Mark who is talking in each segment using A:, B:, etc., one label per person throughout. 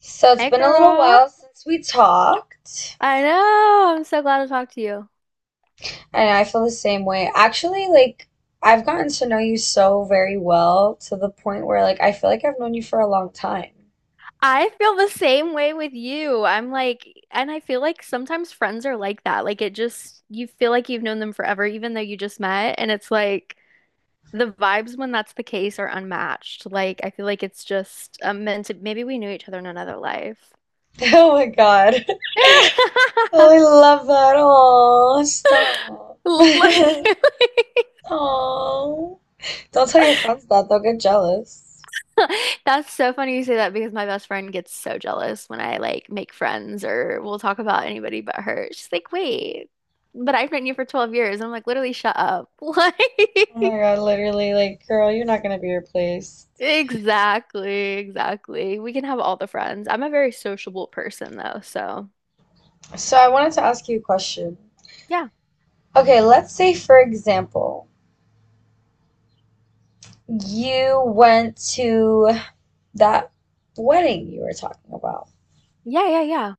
A: So it's
B: Hey
A: been a little
B: girl.
A: while since we talked,
B: I know, I'm so glad to talk to you.
A: and I feel the same way. Actually, like I've gotten to know you so very well to the point where like I feel like I've known you for a long time.
B: I feel the same way with you. I'm like, and I feel like sometimes friends are like that. Like it just, you feel like you've known them forever, even though you just met. And it's like the vibes when that's the case are unmatched. Like I feel like it's just meant to, maybe we knew each other in another life.
A: Oh my God. Oh, I love that. Oh, stop.
B: Literally.
A: Oh. Don't tell your friends that. They'll get jealous.
B: That's so funny you say that because my best friend gets so jealous when I like make friends or we'll talk about anybody but her. She's like, wait, but I've known you for 12 years. I'm like, literally, shut up.
A: Oh my God, literally, like, girl, you're not gonna be replaced.
B: Like, exactly, exactly. We can have all the friends. I'm a very sociable person though. So,
A: So I wanted to ask you a question.
B: yeah,
A: Okay, let's say for example, you went to that wedding you were talking about.
B: yeah, yeah, yeah.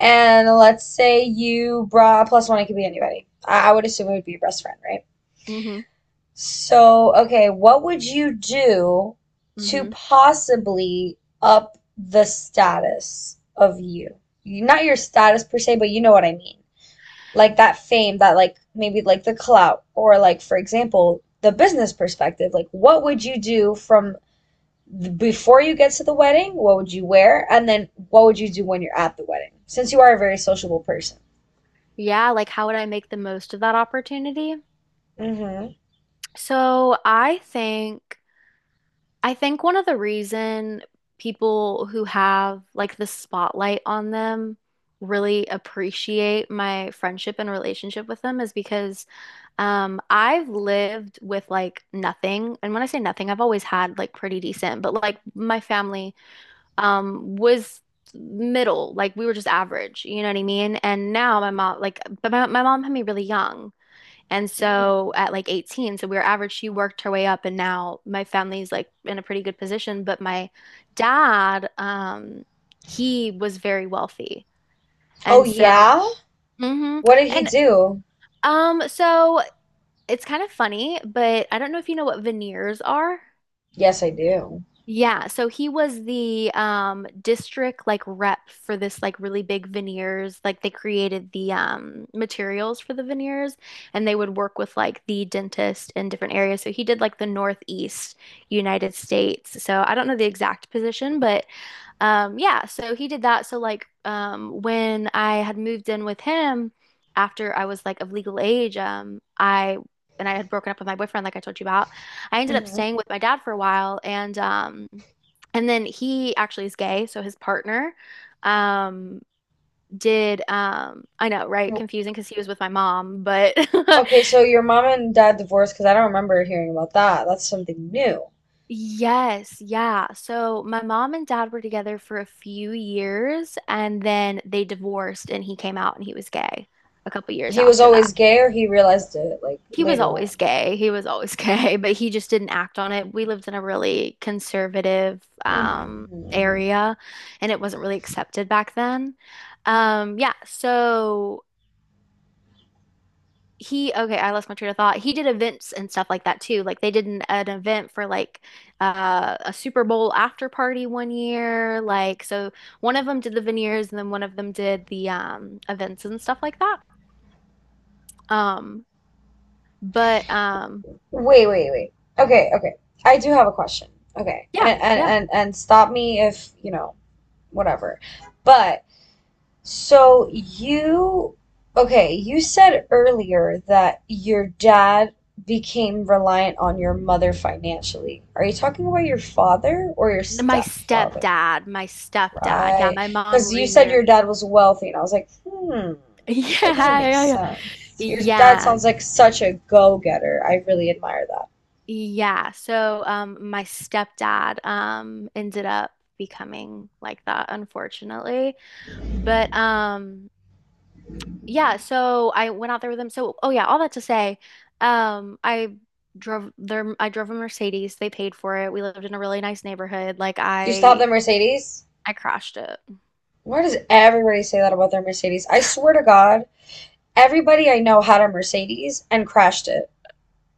A: And let's say you brought plus one, it could be anybody. I would assume it would be your best friend, right?
B: Mm-hmm.
A: So, okay, what would you do to
B: Mm-hmm.
A: possibly up the status of Not your status per se, but you know what I mean. Like that fame, that like maybe like the clout, or like, for example, the business perspective. Like, what would you do from before you get to the wedding, what would you wear? And then what would you do when you're at the wedding? Since you are a very sociable person.
B: Yeah, like how would I make the most of that opportunity?
A: Mm-hmm.
B: So, I think. I think one of the reason people who have like the spotlight on them really appreciate my friendship and relationship with them is because I've lived with like nothing. And when I say nothing, I've always had like pretty decent, but like my family was middle, like we were just average, you know what I mean? And now my mom like but my mom had me really young. And
A: Mm-hmm.
B: so at like 18, so we were average, she worked her way up and now my family's like in a pretty good position. But my dad, he was very wealthy.
A: Oh,
B: And so,
A: yeah?
B: hmm.
A: What did he
B: And
A: do?
B: so it's kind of funny, but I don't know if you know what veneers are.
A: Yes, I do.
B: Yeah, so he was the district like rep for this like really big veneers. Like they created the materials for the veneers and they would work with like the dentist in different areas. So he did like the Northeast United States. So I don't know the exact position, but yeah, so he did that. So like when I had moved in with him after I was like of legal age, I and I had broken up with my boyfriend, like I told you about, I ended up
A: Mm-hmm.
B: staying with my dad for a while and then he actually is gay, so his partner um did I know, right? Confusing because he was with my mom, but
A: Okay, so your mom and dad divorced because I don't remember hearing about that. That's something new.
B: Yes, yeah. So my mom and dad were together for a few years and then they divorced and he came out and he was gay a couple years
A: He was
B: after that.
A: always gay, or he realized it like
B: He was
A: later
B: always
A: on?
B: gay. He was always gay, but he just didn't act on it. We lived in a really conservative
A: Mm-hmm. Mm-hmm.
B: area and it wasn't really accepted back then. Yeah, so he okay, I lost my train of thought. He did events and stuff like that too. Like they did an event for like a Super Bowl after party one year. Like so one of them did the veneers and then one of them did the events and stuff like that. Um but
A: Wait, wait, wait. Okay, okay. I do have a question. Okay, and
B: yeah,
A: and
B: yeah.
A: and, and stop me if, you know, whatever. But so you, okay, you said earlier that your dad became reliant on your mother financially. Are you talking about your father or your
B: My
A: stepfather?
B: stepdad, my stepdad. Yeah,
A: Right.
B: my mom
A: Because you said your
B: remarried.
A: dad was wealthy, and I was like, hmm, that doesn't
B: Yeah,
A: make
B: yeah, yeah.
A: sense. Your dad
B: Yeah.
A: sounds like such a go-getter. I really admire that.
B: Yeah. So my stepdad ended up becoming like that, unfortunately. But yeah, so I went out there with them. So oh yeah, all that to say, I drove their I drove a Mercedes. They paid for it. We lived in a really nice neighborhood. Like
A: Do you still have the Mercedes?
B: I crashed it.
A: Why does everybody say that about their Mercedes? I swear to God, everybody I know had a Mercedes and crashed it.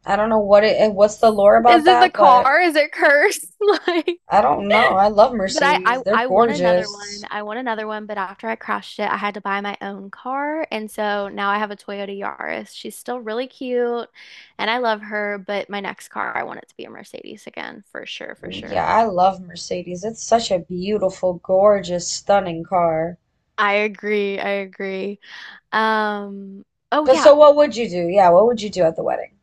A: I don't know what's the lore about
B: Is it the
A: that, but
B: car? Is it cursed? Like,
A: I don't know. I love
B: but I, I
A: Mercedes. They're
B: I want another
A: gorgeous.
B: one. I want another one, but after I crashed it, I had to buy my own car. And so now I have a Toyota Yaris. She's still really cute and I love her, but my next car, I want it to be a Mercedes again, for sure, for
A: Yeah,
B: sure.
A: I love Mercedes. It's such a beautiful, gorgeous, stunning car.
B: I agree. I agree. Um, oh
A: But
B: yeah.
A: so what would you do? Yeah, what would you do at the wedding?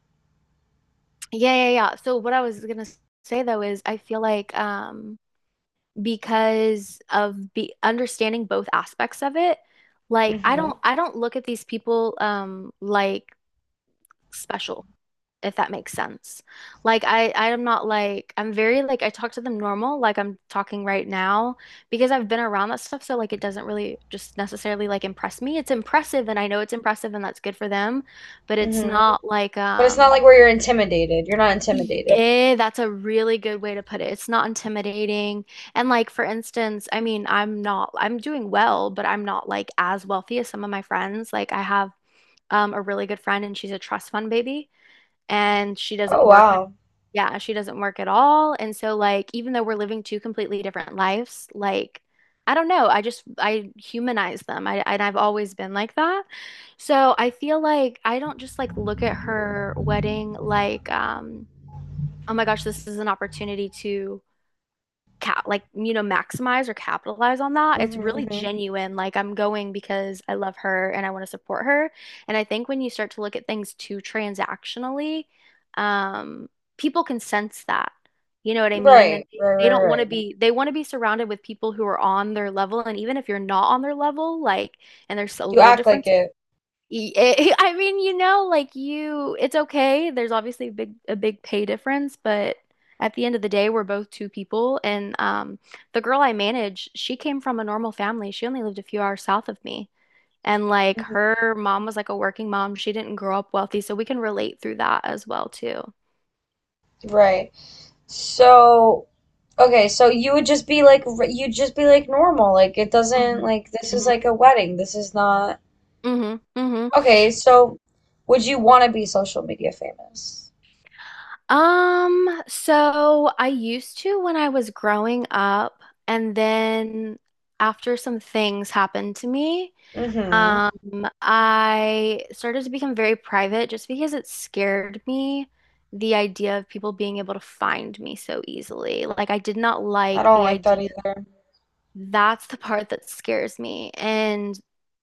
B: Yeah, yeah, yeah. So what I was gonna say though is I feel like because of be understanding both aspects of it,
A: mm
B: like I
A: hmm
B: don't I don't look at these people like special. If that makes sense. Like I'm not like I'm very like I talk to them normal like I'm talking right now because I've been around that stuff so like it doesn't really just necessarily like impress me. It's impressive and I know it's impressive and that's good for them, but
A: mm
B: it's
A: hmm
B: not like
A: But it's not like where you're intimidated. You're not
B: the
A: intimidated.
B: that's a really good way to put it. It's not intimidating. And like for instance, I mean, I'm not I'm doing well, but I'm not like as wealthy as some of my friends. Like I have a really good friend and she's a trust fund baby and she
A: Oh
B: doesn't work,
A: wow.
B: yeah, she doesn't work at all. And so like even though we're living two completely different lives, like I don't know, I just I humanize them. I've always been like that. So I feel like I don't just like look at her wedding like oh my gosh, this is an opportunity to cap like, you know, maximize or capitalize on that. It's
A: Hmm,
B: really
A: hmm.
B: genuine, like I'm going because I love her and I want to support her. And I think when you start to look at things too transactionally, um people can sense that, you know what I mean, and
A: Right,
B: they,
A: right,
B: they
A: right,
B: don't want
A: right,
B: to
A: right.
B: be, they want to be surrounded with people who are on their level. And even if you're not on their level, like, and there's a
A: You
B: little
A: act like
B: difference.
A: it.
B: I mean, you know, like you, it's okay. There's obviously a big pay difference, but at the end of the day, we're both two people. And the girl I manage, she came from a normal family. She only lived a few hours south of me. And like
A: Mhm.
B: her mom was like a working mom. She didn't grow up wealthy, so we can relate through that as well too.
A: Right. So, okay, so you would just be like you'd just be like normal. Like it doesn't
B: Hmm,
A: this is
B: hmm,
A: like a wedding. This is not—
B: hmm, hmm.
A: Okay, so would you want to be social media famous?
B: So I used to when I was growing up, and then after some things happened to me.
A: Mm-hmm.
B: I started to become very private just because it scared me the idea of people being able to find me so easily. Like I did not
A: I
B: like
A: don't
B: the
A: like that
B: idea.
A: either.
B: That's the part that scares me. And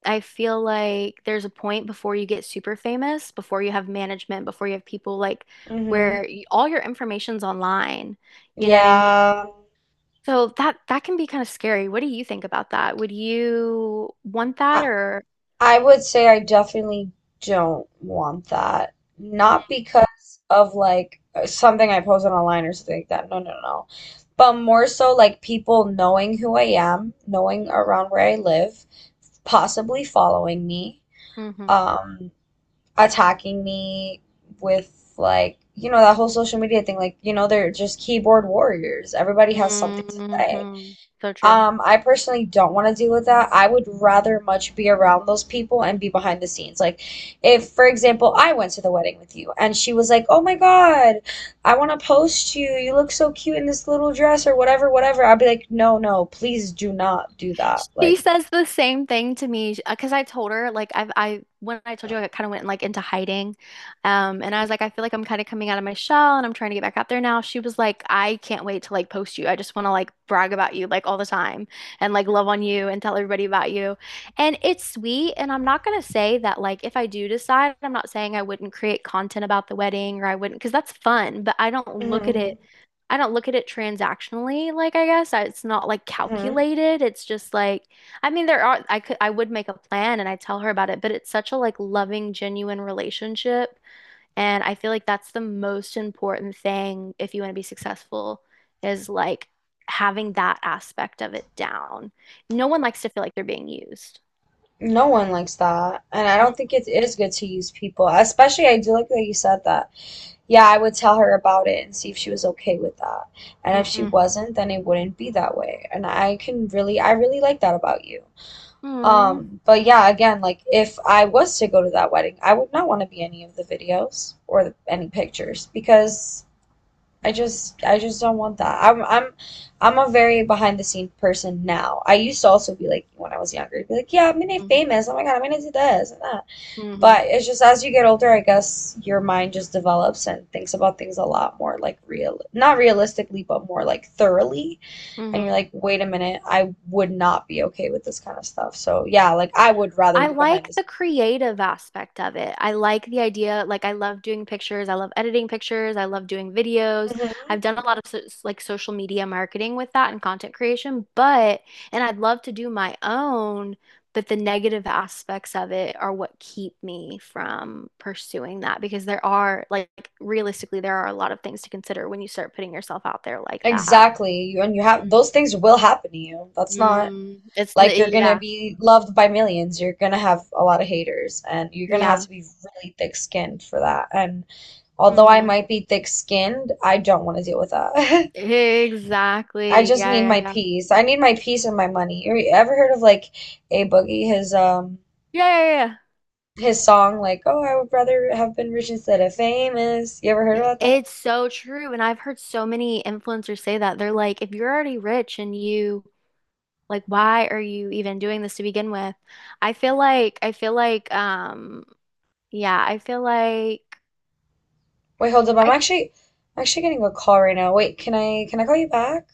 B: I feel like there's a point before you get super famous, before you have management, before you have people like
A: Mm-hmm.
B: where all your information's online. You know what I mean?
A: Yeah.
B: So that that can be kind of scary. What do you think about that? Would you want that
A: I
B: or
A: I would say I definitely don't want that. Not because of like something I posted online or something like that. No, no, no. But more so like people knowing who I am, knowing around where I live, possibly following me.
B: Mhm.
A: um attacking me with, like, you know, that whole social media thing, like, you know, they're just keyboard warriors, everybody has something to say.
B: Hmm. So true.
A: I personally don't want to deal with that. I would rather much be around those people and be behind the scenes. Like, if for example I went to the wedding with you and she was like, "Oh my god, I want to post you, you look so cute in this little dress" or whatever whatever, I'd be like, "No, no, please do not do that."
B: She
A: Like,
B: says the same thing to me because I told her like I've I when I told you I kind of went like into hiding, and I
A: mhm,
B: was like I feel like I'm kind of coming out of my shell and I'm trying to get back out there now. She was like I can't wait to like post you. I just want to like brag about you like all the time and like love on you and tell everybody about you. And it's sweet. And I'm not gonna say that like if I do decide, I'm not saying I wouldn't create content about the wedding or I wouldn't because that's fun. But I don't look at it.
A: mhm,
B: I don't look at it transactionally, like it's not like
A: mhm.
B: calculated. It's just like, I mean, there are, I could, I would make a plan and I tell her about it, but it's such a like loving, genuine relationship. And I feel like that's the most important thing if you want to be successful is like having that aspect of it down. No one likes to feel like they're being used.
A: No one likes that. And I don't
B: Mm-hmm.
A: think it is good to use people. Especially, I do like that you said that. Yeah, I would tell her about it and see if she was okay with that. And if she
B: Mm-hmm.
A: wasn't, then it wouldn't be that way. And I can really, I really like that about you. But yeah, again, like if I was to go to that wedding, I would not want to be any of the videos or the, any pictures because I just don't want that. I'm I'm a very behind the scenes person now. I used to also be like when I was younger, I'd be like, yeah, I'm gonna be
B: Mm-hmm.
A: famous. Oh my God, I'm gonna do this and that. But it's just as you get older, I guess your mind just develops and thinks about things a lot more like real, not realistically, but more like thoroughly. And you're
B: Mm-hmm.
A: like, wait a minute, I would not be okay with this kind of stuff. So yeah, like I would rather
B: I
A: be behind
B: like
A: this.
B: the creative aspect of it. I like the idea. Like, I love doing pictures. I love editing pictures. I love doing videos.
A: Hmm.
B: I've done a lot of like social media marketing with that and content creation, but, and I'd love to do my own, but the negative aspects of it are what keep me from pursuing that because there are, like, realistically, there are a lot of things to consider when you start putting yourself out there like that.
A: Exactly. And you have—
B: Mm,
A: those things will happen to you. That's not— like you're gonna
B: yeah,
A: be loved by millions. You're gonna have a lot of haters, and you're gonna have
B: yeah.
A: to be really thick-skinned for that. And although I
B: Hmm.
A: might be thick-skinned, I don't want to deal with that. I
B: Exactly.
A: just need
B: Yeah, yeah,
A: my
B: yeah.
A: peace. I need my peace and my money. You ever heard of like A Boogie? His
B: Yeah, yeah, yeah.
A: his song like, "Oh, I would rather have been rich instead of famous." You ever heard about that?
B: It's so true. And I've heard so many influencers say that. They're like, if you're already rich and you like, why are you even doing this to begin with? I feel like, I feel like, um, yeah, I feel like
A: Wait, hold up.
B: I,
A: I'm actually getting a call right now. Wait, can I call you back?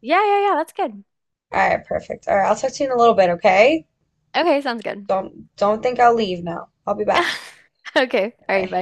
B: yeah, yeah, yeah, that's good.
A: All right, perfect. All right, I'll talk to you in a little bit, okay?
B: Okay, sounds good.
A: Don't think I'll leave now. I'll be back.
B: Okay.
A: All
B: All right,
A: right.
B: bye.